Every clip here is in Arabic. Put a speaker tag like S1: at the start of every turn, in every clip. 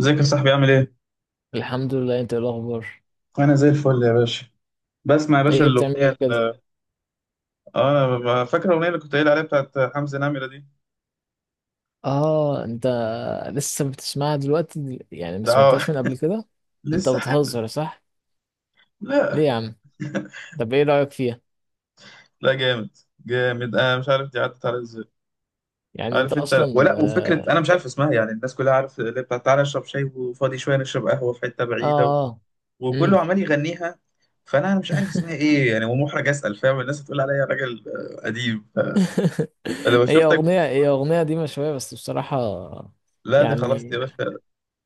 S1: ازيك يا صاحبي؟ عامل ايه؟
S2: الحمد لله، انت ايه الاخبار؟
S1: انا زي الفل يا باشا. بسمع يا باشا
S2: ايه بتعمل
S1: الاغنيه
S2: ايه كده؟
S1: اه انا فاكر الاغنيه اللي كنت قايل عليها بتاعت حمزه نمره دي.
S2: اه، انت لسه بتسمعها دلوقتي؟ يعني ما
S1: ده اه
S2: سمعتهاش من قبل كده؟ انت
S1: لسه حامل.
S2: بتهزر صح؟ ليه
S1: لا
S2: يا عم؟ طب ايه رايك فيها؟
S1: لا، جامد، جامد. انا مش عارف دي عدت على ازاي.
S2: يعني انت
S1: عارف انت،
S2: اصلا
S1: ولا وفكره انا مش عارف اسمها يعني، الناس كلها عارف اللي بتاعت تعالى اشرب شاي وفاضي شويه نشرب قهوه في حته بعيده،
S2: اه امم
S1: وكله عمال يغنيها. فانا مش عارف اسمها ايه يعني، ومحرج اسال، فاهم؟ الناس تقول عليا راجل قديم. انا لو
S2: هي
S1: شفتك
S2: اغنيه
S1: بتسمع،
S2: هي اغنيه دي شويه بس بصراحه
S1: لا دي خلاص دي
S2: يعني.
S1: يا باشا،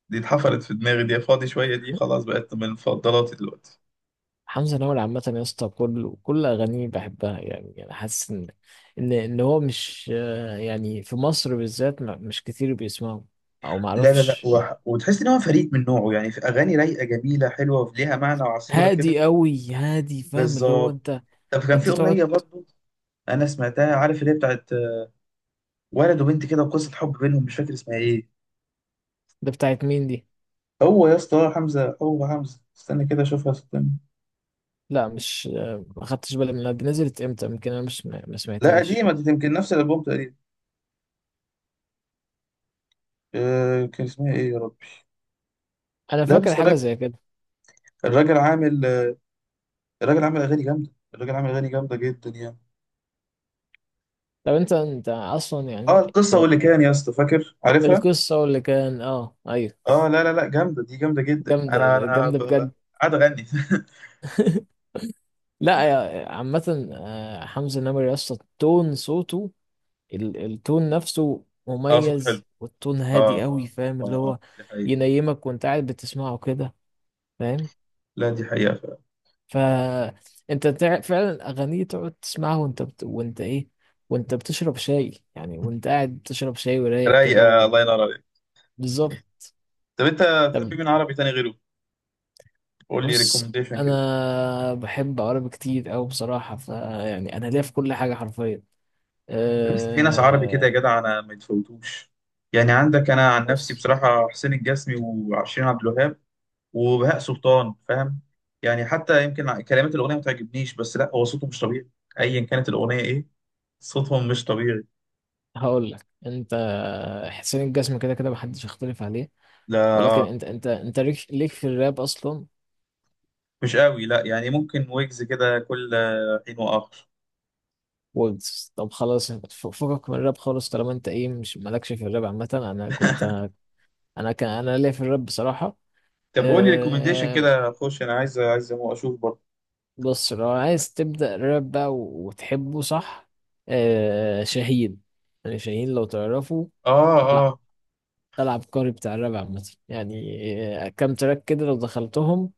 S1: دي اتحفرت في دماغي، دي فاضي شوية، دي خلاص بقت من مفضلاتي دلوقتي.
S2: حمزه نمرة عامه يا اسطى، كل اغانيه بحبها، يعني انا حاسس ان هو مش، يعني في مصر بالذات مش كتير بيسمعه، او ما
S1: لا
S2: اعرفش.
S1: وتحس ان هو فريد من نوعه يعني، في اغاني رايقه جميله حلوه وليها معنى وعسوله كده.
S2: هادي قوي هادي، فاهم اللي هو؟
S1: بالظبط.
S2: انت.
S1: طب كان في
S2: انت تقعد.
S1: اغنيه برضو انا سمعتها، عارف اللي هي بتاعت ولد وبنت كده وقصه حب بينهم، مش فاكر اسمها ايه.
S2: ده بتاعت مين دي؟
S1: هو يا اسطى حمزه، هو حمزه، استنى كده اشوفها، استنى.
S2: لا مش، ما خدتش بالي منها، دي نزلت امتى؟ يمكن انا مش ما
S1: لا
S2: سمعتهاش.
S1: قديمه دي، يمكن نفس الالبوم تقريبا. أه كان اسمها ايه يا ربي؟
S2: انا
S1: لا
S2: فاكر
S1: بس
S2: حاجه
S1: الراجل
S2: زي كده.
S1: الراجل عامل الراجل عامل اغاني جامده جدا يعني.
S2: طب انت اصلا،
S1: اه
S2: يعني
S1: القصه واللي كان،
S2: آه،
S1: يا اسطى فاكر؟ عارفها.
S2: القصه اللي كان. اه ايوه،
S1: اه، لا لا لا، جامده دي، جامده جدا.
S2: جامده جامده بجد.
S1: قاعد اغني.
S2: لا، عامه حمزه نمرة يا اسطى تون صوته، التون نفسه
S1: اه صوته حلو.
S2: مميز، والتون
S1: اه
S2: هادي قوي،
S1: اه
S2: فاهم اللي
S1: اه
S2: هو؟
S1: اه دي حقيقه.
S2: ينيمك وانت قاعد بتسمعه كده، فاهم؟
S1: لا دي حقيقه فعلا.
S2: فانت فعلا اغانيه تقعد تسمعها وانت وانت ايه، وانت بتشرب شاي يعني، وانت قاعد بتشرب شاي ورايق كده
S1: رايقه،
S2: و...
S1: الله ينور عليك.
S2: بالظبط.
S1: طب انت
S2: طب،
S1: بتحب مين عربي تاني غيره؟ قول لي
S2: بص
S1: ريكومنديشن كده.
S2: انا بحب عربي كتير قوي بصراحه، فيعني انا ليا في كل حاجه حرفيا.
S1: بس في ناس عربي كده يا
S2: أه...
S1: جدع انا ما يتفوتوش. يعني عندك انا عن نفسي
S2: بص،
S1: بصراحه حسين الجسمي، وعشرين عبد الوهاب، وبهاء سلطان، فاهم؟ يعني حتى يمكن كلمات الاغنيه ما تعجبنيش، بس لا هو صوته مش طبيعي، ايا كانت الاغنيه ايه، صوتهم مش طبيعي.
S2: هقول لك انت، حسين الجسم كده كده محدش يختلف عليه،
S1: لا
S2: ولكن
S1: آه.
S2: انت ليك في الراب اصلا.
S1: مش قوي، لا يعني ممكن ويجز كده كل حين واخر.
S2: ويجز، طب خلاص، فكك من الراب خالص، طالما انت ايه مش مالكش في الراب عامة. انا كنت، انا ليا في الراب بصراحة.
S1: طب قول لي ريكومنديشن
S2: أه
S1: كده اخش، انا عايز، عايز اشوف برضه.
S2: بص، لو عايز تبدأ راب بقى وتحبه، صح؟ شاهين، يعني شاهين لو تعرفه.
S1: اه
S2: طلع.
S1: اه.
S2: طلع عبقري بتاع الراب عامة يعني. كام تراك كده لو دخلتهم،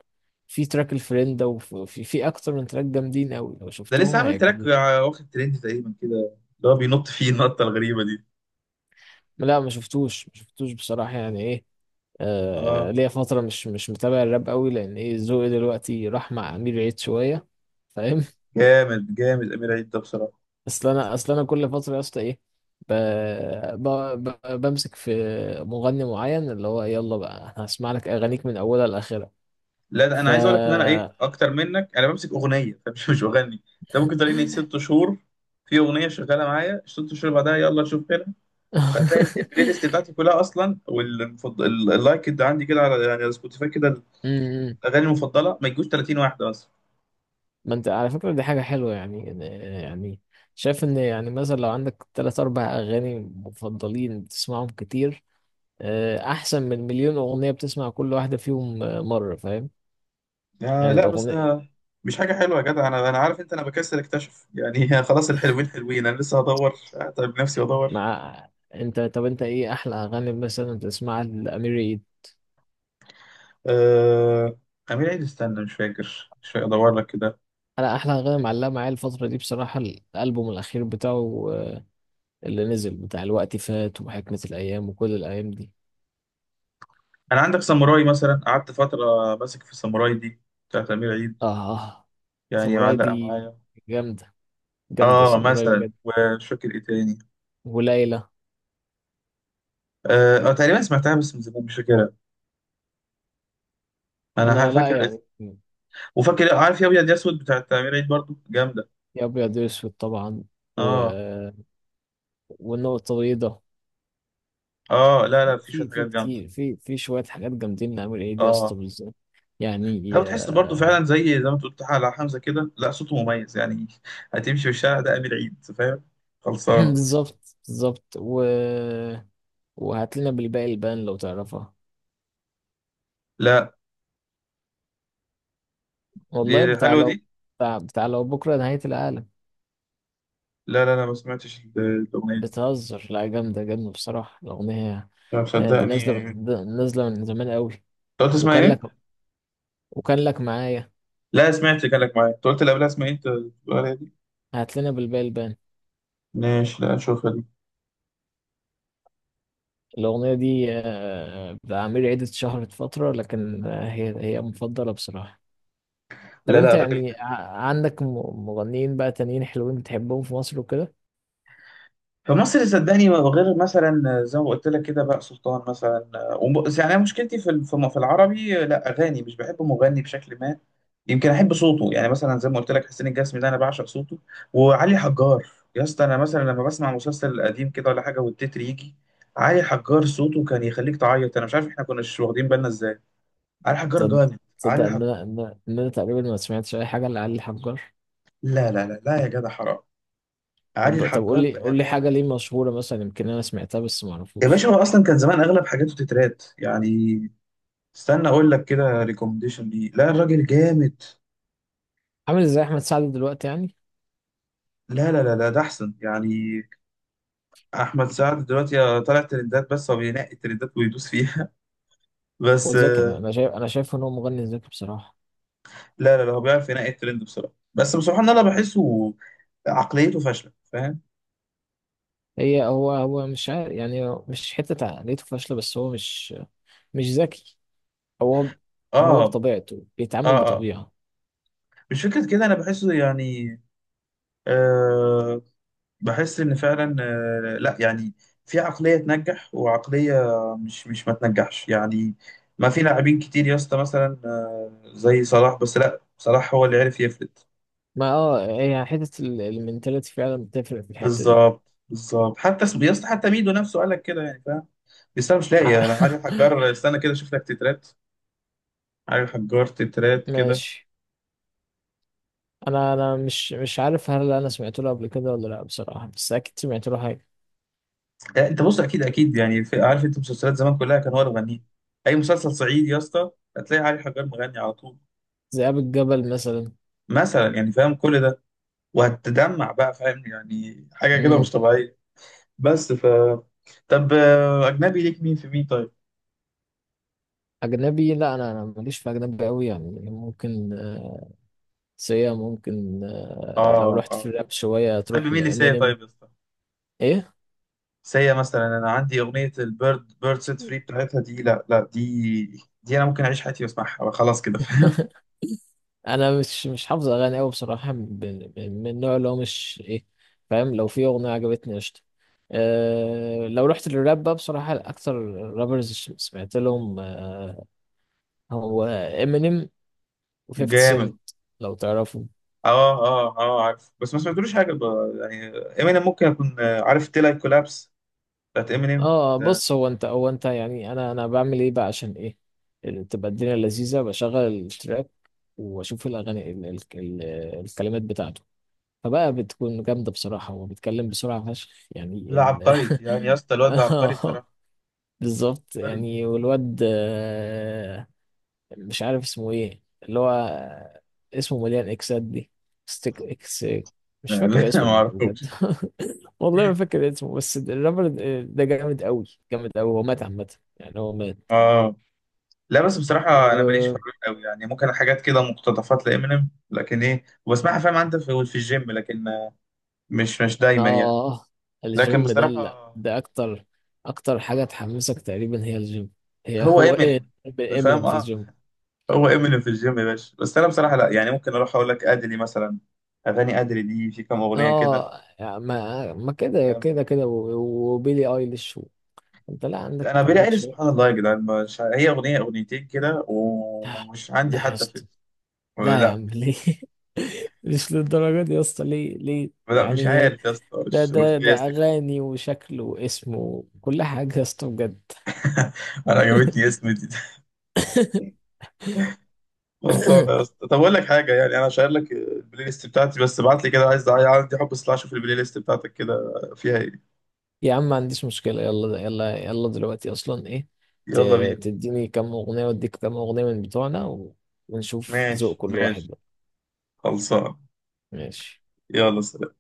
S2: في تراك الفريندة، وفي اكتر من تراك جامدين قوي، لو
S1: ده لسه
S2: شفتهم
S1: عامل تراك
S2: هيعجبوك.
S1: واخد ترند تقريبا كده، اللي هو بينط فيه النطه الغريبه دي.
S2: لا، ما شفتوش بصراحة يعني ايه.
S1: اه
S2: ليا فترة مش متابع الراب قوي، لأن إيه، ذوقي دلوقتي راح مع أمير عيد شوية، فاهم؟
S1: جامد، جامد امير عيد ده بصراحه.
S2: أصل أنا كل فترة يا اسطى إيه، ب... ب... بمسك في مغني معين، اللي هو يلا بقى هسمع لك أغانيك من أولها لآخرها.
S1: لا ده
S2: ف
S1: انا عايز اقول لك ان انا ايه، اكتر منك انا بمسك اغنيه فمش مش بغني. انت ممكن تلاقيني ست شهور في اغنيه شغاله معايا ست شهور، بعدها يلا نشوف كده. فتلاقي البلاي ليست بتاعتي كلها اصلا واللايك اللي عندي كده على، يعني على سبوتيفاي كده،
S2: أمم.
S1: اغاني المفضله ما يجوش 30 واحده مثلا.
S2: ما أنت على فكرة دي حاجة حلوة يعني. يعني شايف إن، يعني مثلا لو عندك تلات أربع أغاني مفضلين بتسمعهم كتير، احسن من مليون اغنيه بتسمع كل واحده فيهم، مره، فاهم؟
S1: آه
S2: يعني
S1: لا بس
S2: الاغنيه.
S1: أنا، مش حاجه حلوه يا جدع، انا عارف انت، انا بكسل اكتشف يعني خلاص الحلوين حلوين، انا لسه هدور طيب، نفسي ادور.
S2: مع. انت، طب انت ايه احلى اغاني مثلا تسمعها لامير عيد؟
S1: آه امير عيد، استنى مش فاكر، مش فاكر، ادور لك كده.
S2: انا احلى اغاني معلقه معايا الفتره دي بصراحه الالبوم الاخير بتاعه، اللي نزل، بتاع الوقت فات وحكمه الايام وكل الايام دي.
S1: انا عندك ساموراي مثلا، قعدت فتره ماسك في الساموراي دي، بتاعت امير عيد،
S2: اه،
S1: يعني
S2: ساموراي
S1: معلقه
S2: دي
S1: معايا.
S2: جامده. جامده
S1: اه
S2: ساموراي
S1: مثلا،
S2: بجد.
S1: ومش فاكر ايه تاني.
S2: وليلى.
S1: اه تقريبا سمعتها بس من زمان، مش فاكرها، انا
S2: انا لا
S1: فاكر
S2: يعني.
S1: الاسم. وفاكر، عارف، يا ابيض يا اسود بتاعت امير عيد برضو جامده.
S2: يا ابيض يا اسود طبعا، و...
S1: اه
S2: والنقطه البيضاء.
S1: اه لا، لا
S2: لا،
S1: في شويه
S2: في
S1: حاجات جامده.
S2: كتير، في شويه حاجات جامدين، نعمل ايه دي يا اسطى؟
S1: اه
S2: بالظبط، يعني
S1: لو تحس برضو فعلا، زي ما انت قلت على حمزه كده، لا صوته مميز يعني هتمشي في الشارع ده امير عيد، فاهم؟ خلصانه.
S2: بالظبط بالظبط و... وهات لنا بالباقي البان لو تعرفها.
S1: لا دي
S2: والله بتاع
S1: حلوه دي.
S2: لو، بتاع لو بكره نهايه العالم.
S1: لا ما سمعتش الاغنيه دي.
S2: بتهزر؟ لا، جامده جامده بصراحه الاغنيه،
S1: لا مصدقني انت،
S2: دي نازله من زمان قوي.
S1: قلت اسمها
S2: وكان
S1: ايه؟
S2: لك، وكان لك معايا.
S1: لا سمعت كلامك، معايا انت قلت اللي قبلها اسمها ايه؟ انت بتقول عليها دي؟
S2: هات لنا بالباقي البان.
S1: ماشي، لا اشوفها دي.
S2: الاغنيه دي، بتاع عمير عيد، اتشهرت فتره، لكن هي مفضله بصراحه. طب
S1: لا لا
S2: انت،
S1: الراجل
S2: يعني
S1: جامد.
S2: عندك مغنيين بقى تانيين حلوين بتحبهم في مصر وكده؟
S1: فمصر صدقني، غير مثلا زي ما قلت لك كده بقى سلطان مثلا، يعني أنا مشكلتي في في العربي، لا اغاني، مش بحب مغني بشكل ما، يمكن احب صوته يعني. مثلا زي ما قلت لك حسين الجسمي ده انا بعشق صوته، وعلي حجار. يا اسطى انا مثلا لما بسمع مسلسل قديم كده ولا حاجه، والتتر يجي علي حجار، صوته كان يخليك تعيط. انا مش عارف احنا كناش واخدين بالنا ازاي. علي حجار
S2: تصدق،
S1: جامد،
S2: تصدق ان انا تقريبا ما سمعتش اي حاجه لعلي حجار.
S1: لا لا لا لا يا جدع حرام، علي
S2: طب
S1: الحجار
S2: قول لي حاجه
S1: بامانه.
S2: ليه مشهوره مثلا، يمكن انا سمعتها بس ما
S1: يا باشا
S2: اعرفوش.
S1: هو اصلا كان زمان اغلب حاجاته تترات يعني. استنى اقول لك كده ريكومنديشن ليه، لا الراجل جامد.
S2: عامل ازاي احمد سعد دلوقتي يعني؟
S1: لا لا لا لا ده احسن يعني. احمد سعد دلوقتي طالع ترندات، بس هو بينقي الترندات ويدوس فيها،
S2: هو
S1: بس
S2: ذكي، انا انا شايف انا شايف ان هو مغني ذكي بصراحه.
S1: لا لا لا، هو بيعرف ينقي الترند بصراحه، بس بصراحه ان انا بحسه عقليته فاشله، فاهم؟
S2: هو مش عارف، يعني مش حته عقليته فاشله، بس هو مش ذكي. هو هو
S1: اه
S2: بطبيعته
S1: اه
S2: بيتعامل
S1: اه.
S2: بطبيعه.
S1: مش فكره كده انا بحسه يعني، آه بحس ان فعلا، لا يعني في عقليه تنجح وعقليه مش ما تنجحش يعني. ما في لاعبين كتير يا اسطى، مثلا زي صلاح، بس لا صلاح هو اللي عرف يفلت.
S2: ما هي حتة المنتاليتي فعلا بتفرق في الحتة دي.
S1: بالظبط، بالظبط. حتى يا اسطى حتى ميدو نفسه قال لك كده يعني، فاهم؟ بس انا مش
S2: ع-
S1: لاقي، انا قاعد احجر، استنى كده اشوف لك تترات، عارف حجارة تترات كده.
S2: ماشي. انا مش عارف هل انا سمعت له قبل كده ولا لا بصراحة، بس اكيد سمعت له حاجة.
S1: انت بص اكيد، اكيد يعني، في عارف انت مسلسلات زمان كلها كان هو اللي غنيه. اي مسلسل صعيدي يا اسطى هتلاقي علي حجار مغني على طول.
S2: ذئاب الجبل مثلا.
S1: مثلا، يعني فاهم كل ده. وهتدمع بقى، فاهم يعني، حاجة كده مش
S2: امم.
S1: طبيعية. بس ف طب اجنبي ليك مين في مين طيب؟
S2: اجنبي، لا انا ماليش في اجنبي قوي، يعني ممكن سيا، ممكن لو
S1: اه
S2: رحت في
S1: اه.
S2: الراب شوية
S1: بتحب
S2: تروح
S1: مين اللي سيا
S2: لامينيم.
S1: طيب يا اسطى؟
S2: ايه.
S1: سيا مثلا، انا عندي اغنية البيرد بيرد سيت فري بتاعتها دي، لا لا دي انا ممكن اعيش حياتي واسمعها خلاص كده، فاهم؟
S2: انا مش حافظ اغاني قوي بصراحه، من النوع اللي هو مش ايه، فاهم؟ لو في اغنيه عجبتني قشطه. لو رحت للراب بقى بصراحه اكتر رابرز، سمعت لهم، هو امينيم و50 سنت،
S1: جامد.
S2: لو تعرفوا.
S1: اه اه اه عارف، بس ما سمعتلوش حاجه يعني، امينيم ممكن اكون عارف تيلا كولابس بتاعت امينيم
S2: اه
S1: ده.
S2: بص، هو انت يعني، انا بعمل ايه بقى عشان ايه؟ تبقى الدنيا لذيذه، بشغل التراك واشوف الاغاني ال ال ال الكلمات بتاعته، فبقى بتكون جامده بصراحه، هو بيتكلم بسرعه فشخ يعني
S1: لا عبقري يعني، يا اسطى الواد ده عبقري
S2: آه.
S1: بصراحه،
S2: بالظبط
S1: عبقري.
S2: يعني، والواد مش عارف اسمه ايه، اللي هو اسمه مليان اكسات دي. ستيك اكس. مش فاكر
S1: لا
S2: اسمه
S1: ما
S2: والله بجد.
S1: اعرفوش.
S2: والله ما فاكر اسمه، بس الرابر ده جامد قوي. جامد قوي. هو مات عامة يعني، هو مات.
S1: اه لا بس بصراحه انا ماليش في
S2: و
S1: الراب قوي يعني، ممكن حاجات كده مقتطفات لامينيم، لكن ايه وبسمعها فاهم انت، في، في الجيم، لكن مش دايما يعني.
S2: اه
S1: لكن
S2: الجيم ده، لا
S1: بصراحه
S2: ده اكتر. اكتر حاجة تحمسك تقريبا هي الجيم. هي
S1: هو
S2: هو ايه،
S1: امينيم،
S2: امينيم
S1: فاهم؟
S2: في
S1: اه
S2: الجيم.
S1: هو امينيم في الجيم يا باشا. بس انا بصراحه لا يعني، ممكن اروح اقول لك ادلي مثلا، اغاني ادلي دي، في كام اغنيه كده
S2: اه، ما كده
S1: جامدة.
S2: كده كده وبيلي ايليش. انت لا
S1: انا
S2: عندك
S1: بيلي
S2: عندك
S1: ايليش
S2: شويه.
S1: سبحان الله يا جدعان، مش هي اغنيه اغنيتين كده
S2: لا
S1: ومش عندي
S2: لا يا
S1: حتى
S2: اسطى.
S1: فيلم.
S2: لا يا
S1: لا
S2: عم
S1: مش
S2: ليه؟ مش للدرجه دي يا اسطى، ليه ليه
S1: لا مش
S2: يعني؟
S1: عارف يا اسطى،
S2: ده
S1: مش
S2: ده
S1: جاي
S2: ده
S1: سكة.
S2: اغاني وشكل واسم وكل حاجه يا اسطى بجد.
S1: انا عجبتني اسم دي خلصانه يا اسطى، طب اقول لك حاجه يعني، انا شايل لك البلاي ليست بتاعتي، بس ابعت لي كده، عايز، عندي حب اطلع اشوف البلاي ليست بتاعتك كده فيها ايه.
S2: يا عم ما عنديش مشكله، يلا يلا يلا دلوقتي اصلا ايه،
S1: يلا بينا.
S2: تديني كام اغنيه واديك كام اغنيه من بتوعنا ونشوف ذوق
S1: ماشي
S2: كل واحد
S1: ماشي.
S2: بقى.
S1: خلصان.
S2: ماشي.
S1: يلا سلام.